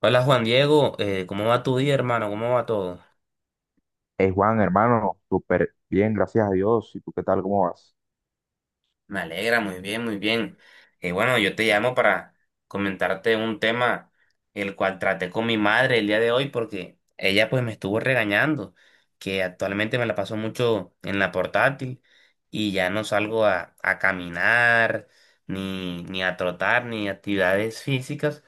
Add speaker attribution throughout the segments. Speaker 1: Hola Juan Diego, ¿cómo va tu día, hermano? ¿Cómo va todo?
Speaker 2: Hey Juan, hermano, súper bien, gracias a Dios. ¿Y tú qué tal? ¿Cómo vas?
Speaker 1: Me alegra, muy bien, muy bien. Y bueno, yo te llamo para comentarte un tema el cual traté con mi madre el día de hoy porque ella pues me estuvo regañando, que actualmente me la paso mucho en la portátil y ya no salgo a caminar, ni a trotar, ni actividades físicas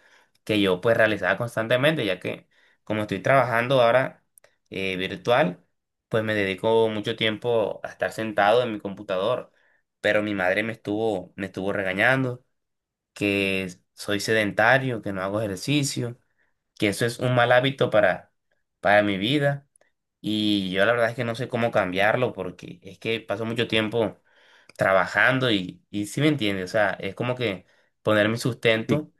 Speaker 1: que yo pues realizaba constantemente, ya que como estoy trabajando ahora virtual, pues me dedico mucho tiempo a estar sentado en mi computador, pero mi madre me estuvo regañando, que soy sedentario, que no hago ejercicio, que eso es un mal hábito para mi vida. Y yo la verdad es que no sé cómo cambiarlo porque es que paso mucho tiempo trabajando y sí me entiende, o sea, es como que poner mi
Speaker 2: Sí,
Speaker 1: sustento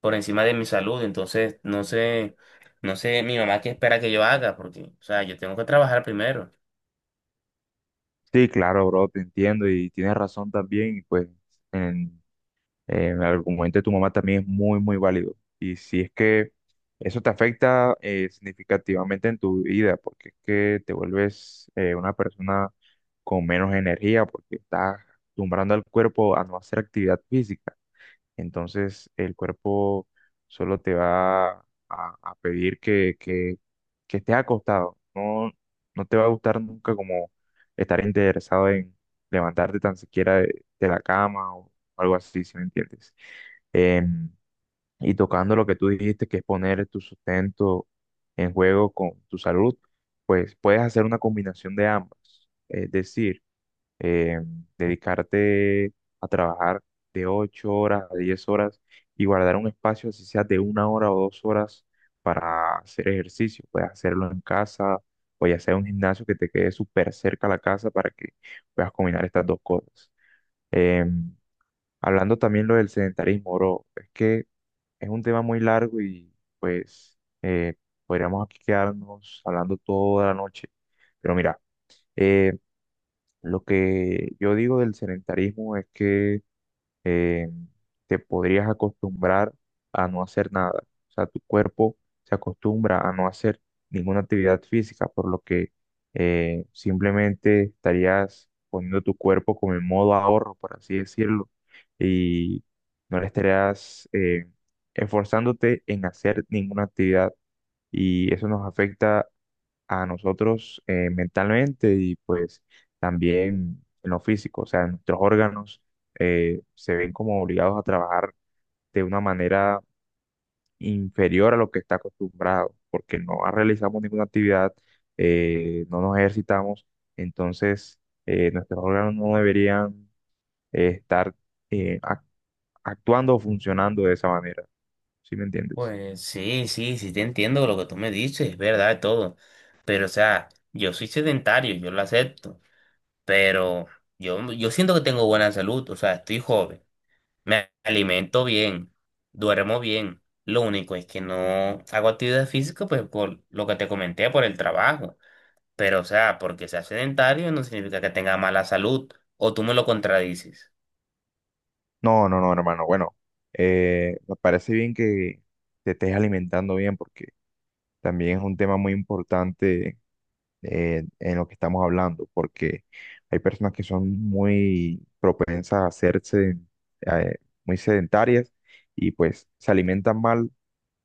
Speaker 1: por encima de mi salud, entonces no sé, no sé mi mamá qué espera que yo haga porque, o sea, yo tengo que trabajar primero.
Speaker 2: sí, claro, bro, te entiendo y tienes razón también. Y pues en, en el argumento de tu mamá también es muy válido. Y si es que eso te afecta significativamente en tu vida, porque es que te vuelves una persona con menos energía, porque estás acostumbrando al cuerpo a no hacer actividad física. Entonces el cuerpo solo te va a pedir que estés acostado. No, no te va a gustar nunca como estar interesado en levantarte tan siquiera de la cama o algo así, si me entiendes. Em, y tocando lo que tú dijiste, que es poner tu sustento en juego con tu salud, pues puedes hacer una combinación de ambas. Es decir, eh, dedicarte a trabajar de 8 horas a 10 horas y guardar un espacio, así sea de una hora o dos horas, para hacer ejercicio. Puedes hacerlo en casa o ya sea un gimnasio que te quede súper cerca a la casa para que puedas combinar estas dos cosas. Em, Hablando también lo del sedentarismo, bro, es que es un tema muy largo y pues podríamos aquí quedarnos hablando toda la noche. Pero mira, eh, lo que yo digo del sedentarismo es que eh, te podrías acostumbrar a no hacer nada. O sea, tu cuerpo se acostumbra a no hacer ninguna actividad física, por lo que simplemente estarías poniendo tu cuerpo como en modo ahorro, por así decirlo, y no le estarías esforzándote en hacer ninguna actividad. Y eso nos afecta a nosotros mentalmente y pues también en lo físico. O sea, nuestros órganos se ven como obligados a trabajar de una manera inferior a lo que está acostumbrado, porque no realizamos ninguna actividad, no nos ejercitamos, entonces nuestros órganos no deberían estar eh, ac- actuando o funcionando de esa manera. ¿Sí me entiendes?
Speaker 1: Pues sí, sí, sí te entiendo lo que tú me dices, es verdad todo. Pero, o sea, yo soy sedentario, yo lo acepto. Pero yo siento que tengo buena salud, o sea, estoy joven, me alimento bien, duermo bien. Lo único es que no hago actividad física, pues por lo que te comenté, por el trabajo. Pero, o sea, porque sea sedentario no significa que tenga mala salud. O tú me lo contradices.
Speaker 2: No, no, no, hermano. Bueno, me parece bien que te estés alimentando bien porque también es un tema muy importante en lo que estamos hablando, porque hay personas que son muy propensas a hacerse eh, muy sedentarias y pues se alimentan mal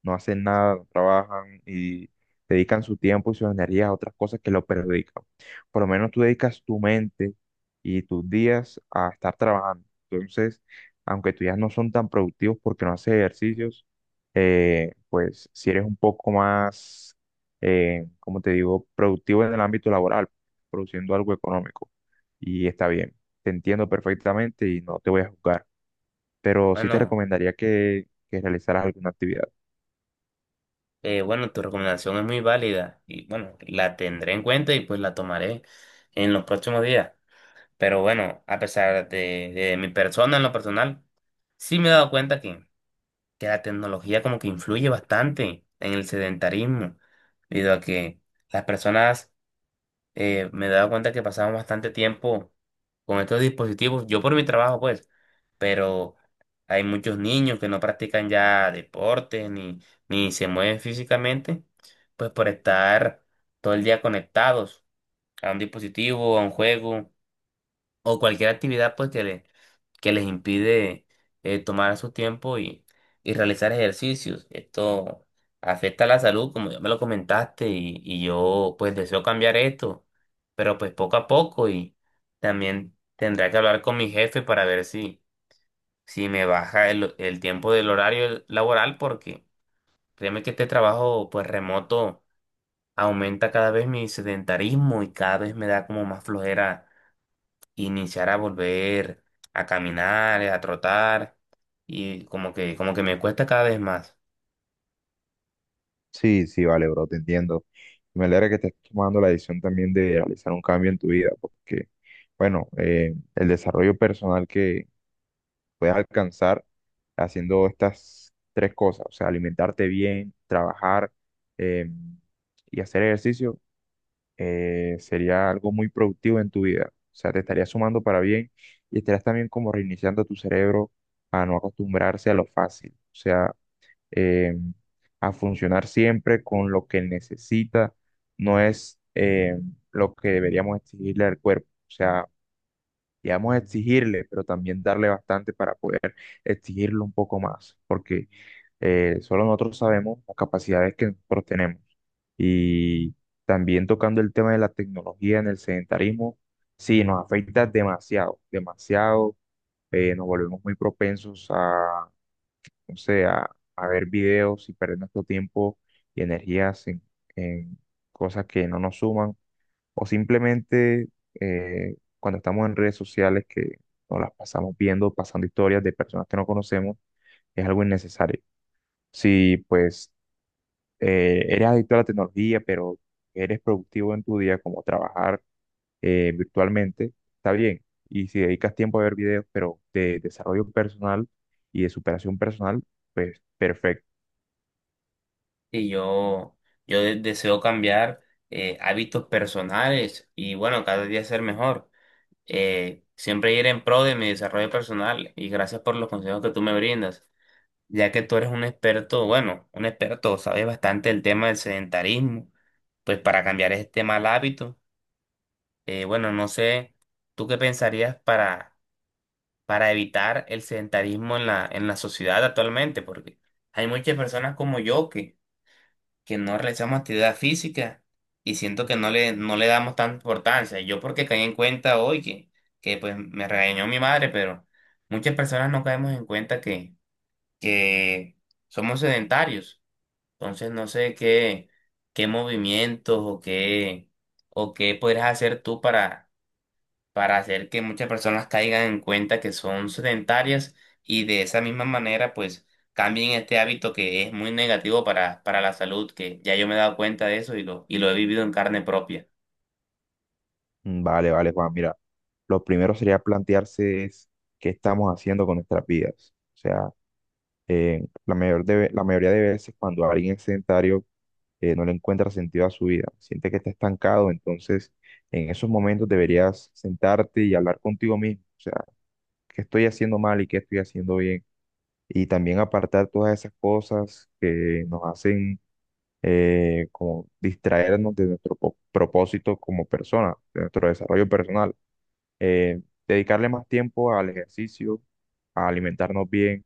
Speaker 2: no hacen nada, no trabajan y dedican su tiempo y sus energías a otras cosas que lo perjudican. Por lo menos tú dedicas tu mente y tus días a estar trabajando. Entonces, aunque tus días no son tan productivos porque no haces ejercicios, pues si eres un poco más, como te digo, productivo en el ámbito laboral, produciendo algo económico. Y está bien, te entiendo perfectamente y no te voy a juzgar, pero sí te
Speaker 1: Bueno.
Speaker 2: recomendaría que realizaras alguna actividad.
Speaker 1: Bueno, tu recomendación es muy válida y bueno, la tendré en cuenta y pues la tomaré en los próximos días. Pero bueno, a pesar de mi persona en lo personal, sí me he dado cuenta que la tecnología como que influye bastante en el sedentarismo, debido a que las personas me daba cuenta que pasaban bastante tiempo con estos dispositivos, yo por mi trabajo pues, pero hay muchos niños que no practican ya deportes ni se mueven físicamente, pues por estar todo el día conectados a un dispositivo, a un juego o cualquier actividad pues que, que les impide tomar su tiempo y realizar ejercicios. Esto afecta a la salud, como ya me lo comentaste, y yo pues deseo cambiar esto, pero pues poco a poco y también tendré que hablar con mi jefe para ver si, si me baja el tiempo del horario laboral porque créeme que este trabajo pues remoto aumenta cada vez mi sedentarismo y cada vez me da como más flojera iniciar a volver a caminar, a trotar, y como que me cuesta cada vez más.
Speaker 2: Sí, sí, vale, bro, te entiendo. Me alegra que estés tomando la decisión también de realizar un cambio en tu vida, porque, bueno, el desarrollo personal que puedes alcanzar haciendo estas tres cosas, o sea, alimentarte bien, trabajar eh, y hacer ejercicio, sería algo muy productivo en tu vida. O sea, te estarías sumando para bien y estarías también como reiniciando tu cerebro a no acostumbrarse a lo fácil. O sea, eh, a funcionar siempre con lo que necesita, no es lo que deberíamos exigirle al cuerpo. O sea, digamos exigirle, pero también darle bastante para poder exigirle un poco más, porque solo nosotros sabemos las capacidades que nosotros tenemos. Y también tocando el tema de la tecnología en el sedentarismo, sí, nos afecta demasiado, demasiado. Nos volvemos muy propensos o sea, a ver videos y perder nuestro tiempo y energías en cosas que no nos suman, o simplemente cuando estamos en redes sociales que nos las pasamos viendo, pasando historias de personas que no conocemos, es algo innecesario. Si pues eres adicto a la tecnología, pero eres productivo en tu día, como trabajar virtualmente, está bien. Y si dedicas tiempo a ver videos, pero de desarrollo personal y de superación personal, pues perfecto.
Speaker 1: Y yo deseo cambiar hábitos personales y bueno, cada día ser mejor. Siempre ir en pro de mi desarrollo personal, y gracias por los consejos que tú me brindas, ya que tú eres un experto, bueno, un experto, sabes bastante el tema del sedentarismo, pues para cambiar este mal hábito, bueno, no sé, ¿tú qué pensarías para evitar el sedentarismo en en la sociedad actualmente? Porque hay muchas personas como yo que no realizamos actividad física y siento que no no le damos tanta importancia. Yo porque caí en cuenta hoy que pues me regañó mi madre, pero muchas personas no caemos en cuenta que somos sedentarios. Entonces no sé qué, qué movimientos o qué podrías hacer tú para hacer que muchas personas caigan en cuenta que son sedentarias, y de esa misma manera pues cambien este hábito que es muy negativo para la salud, que ya yo me he dado cuenta de eso y lo he vivido en carne propia.
Speaker 2: Mm, vale, vale, Juan. Mira, lo primero sería plantearse es qué estamos haciendo con nuestras vidas. O sea, la mayoría de veces cuando alguien es sedentario no le encuentra sentido a su vida, siente que está estancado, entonces en esos momentos deberías sentarte y hablar contigo mismo. O sea, qué estoy haciendo mal y qué estoy haciendo bien. Y también apartar todas esas cosas que nos hacen como distraernos de nuestro propósito como persona, de nuestro desarrollo personal eh, dedicarle más tiempo al ejercicio, a alimentarnos bien,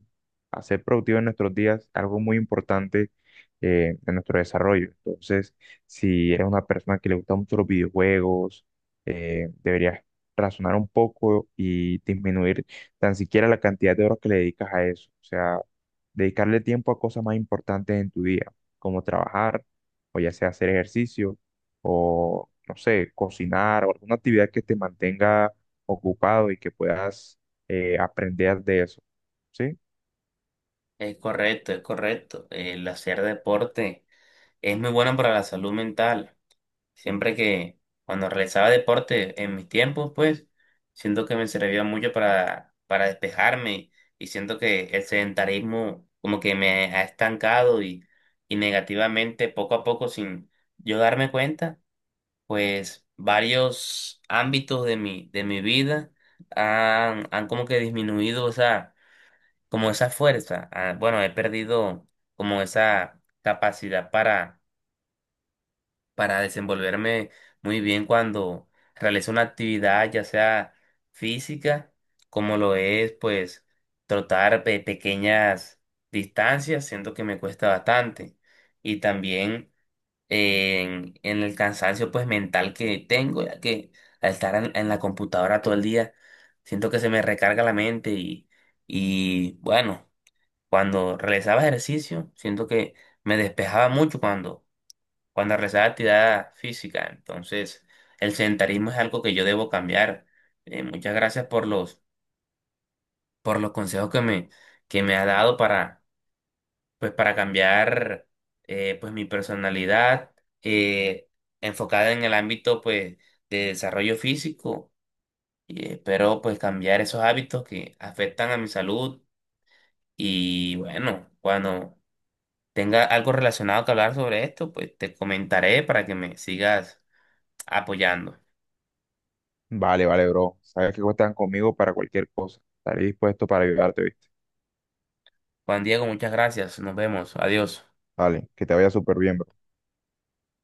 Speaker 2: a ser productivos en nuestros días, algo muy importante en nuestro desarrollo. Entonces, si eres una persona que le gusta mucho los videojuegos, deberías razonar un poco y disminuir tan siquiera la cantidad de horas que le dedicas a eso. O sea, dedicarle tiempo a cosas más importantes en tu día, como trabajar, o ya sea hacer ejercicio, o no sé, cocinar o alguna actividad que te mantenga ocupado y que puedas aprender de eso. ¿Sí?
Speaker 1: Es correcto, es correcto. El hacer deporte es muy bueno para la salud mental. Siempre que cuando realizaba deporte en mis tiempos, pues, siento que me servía mucho para despejarme y siento que el sedentarismo como que me ha estancado y negativamente poco a poco sin yo darme cuenta, pues varios ámbitos de de mi vida han como que disminuido esa, como esa fuerza. Ah, bueno, he perdido como esa capacidad para desenvolverme muy bien cuando realizo una actividad, ya sea física, como lo es, pues, trotar pequeñas distancias, siento que me cuesta bastante. Y también en el cansancio, pues, mental que tengo, ya que al estar en la computadora todo el día, siento que se me recarga la mente y bueno, cuando realizaba ejercicio, siento que me despejaba mucho cuando realizaba actividad física. Entonces, el sedentarismo es algo que yo debo cambiar. Muchas gracias por por los consejos que que me ha dado para, pues, para cambiar pues, mi personalidad eh, enfocada en el ámbito, pues, de desarrollo físico. Y espero pues cambiar esos hábitos que afectan a mi salud. Y bueno, cuando tenga algo relacionado que hablar sobre esto, pues te comentaré para que me sigas apoyando.
Speaker 2: Vale, vale, bro. Sabes que cuentan conmigo para cualquier cosa. Estaré dispuesto para ayudarte, ¿viste?
Speaker 1: Juan Diego, muchas gracias. Nos vemos. Adiós.
Speaker 2: Vale, que te vaya súper bien, bro.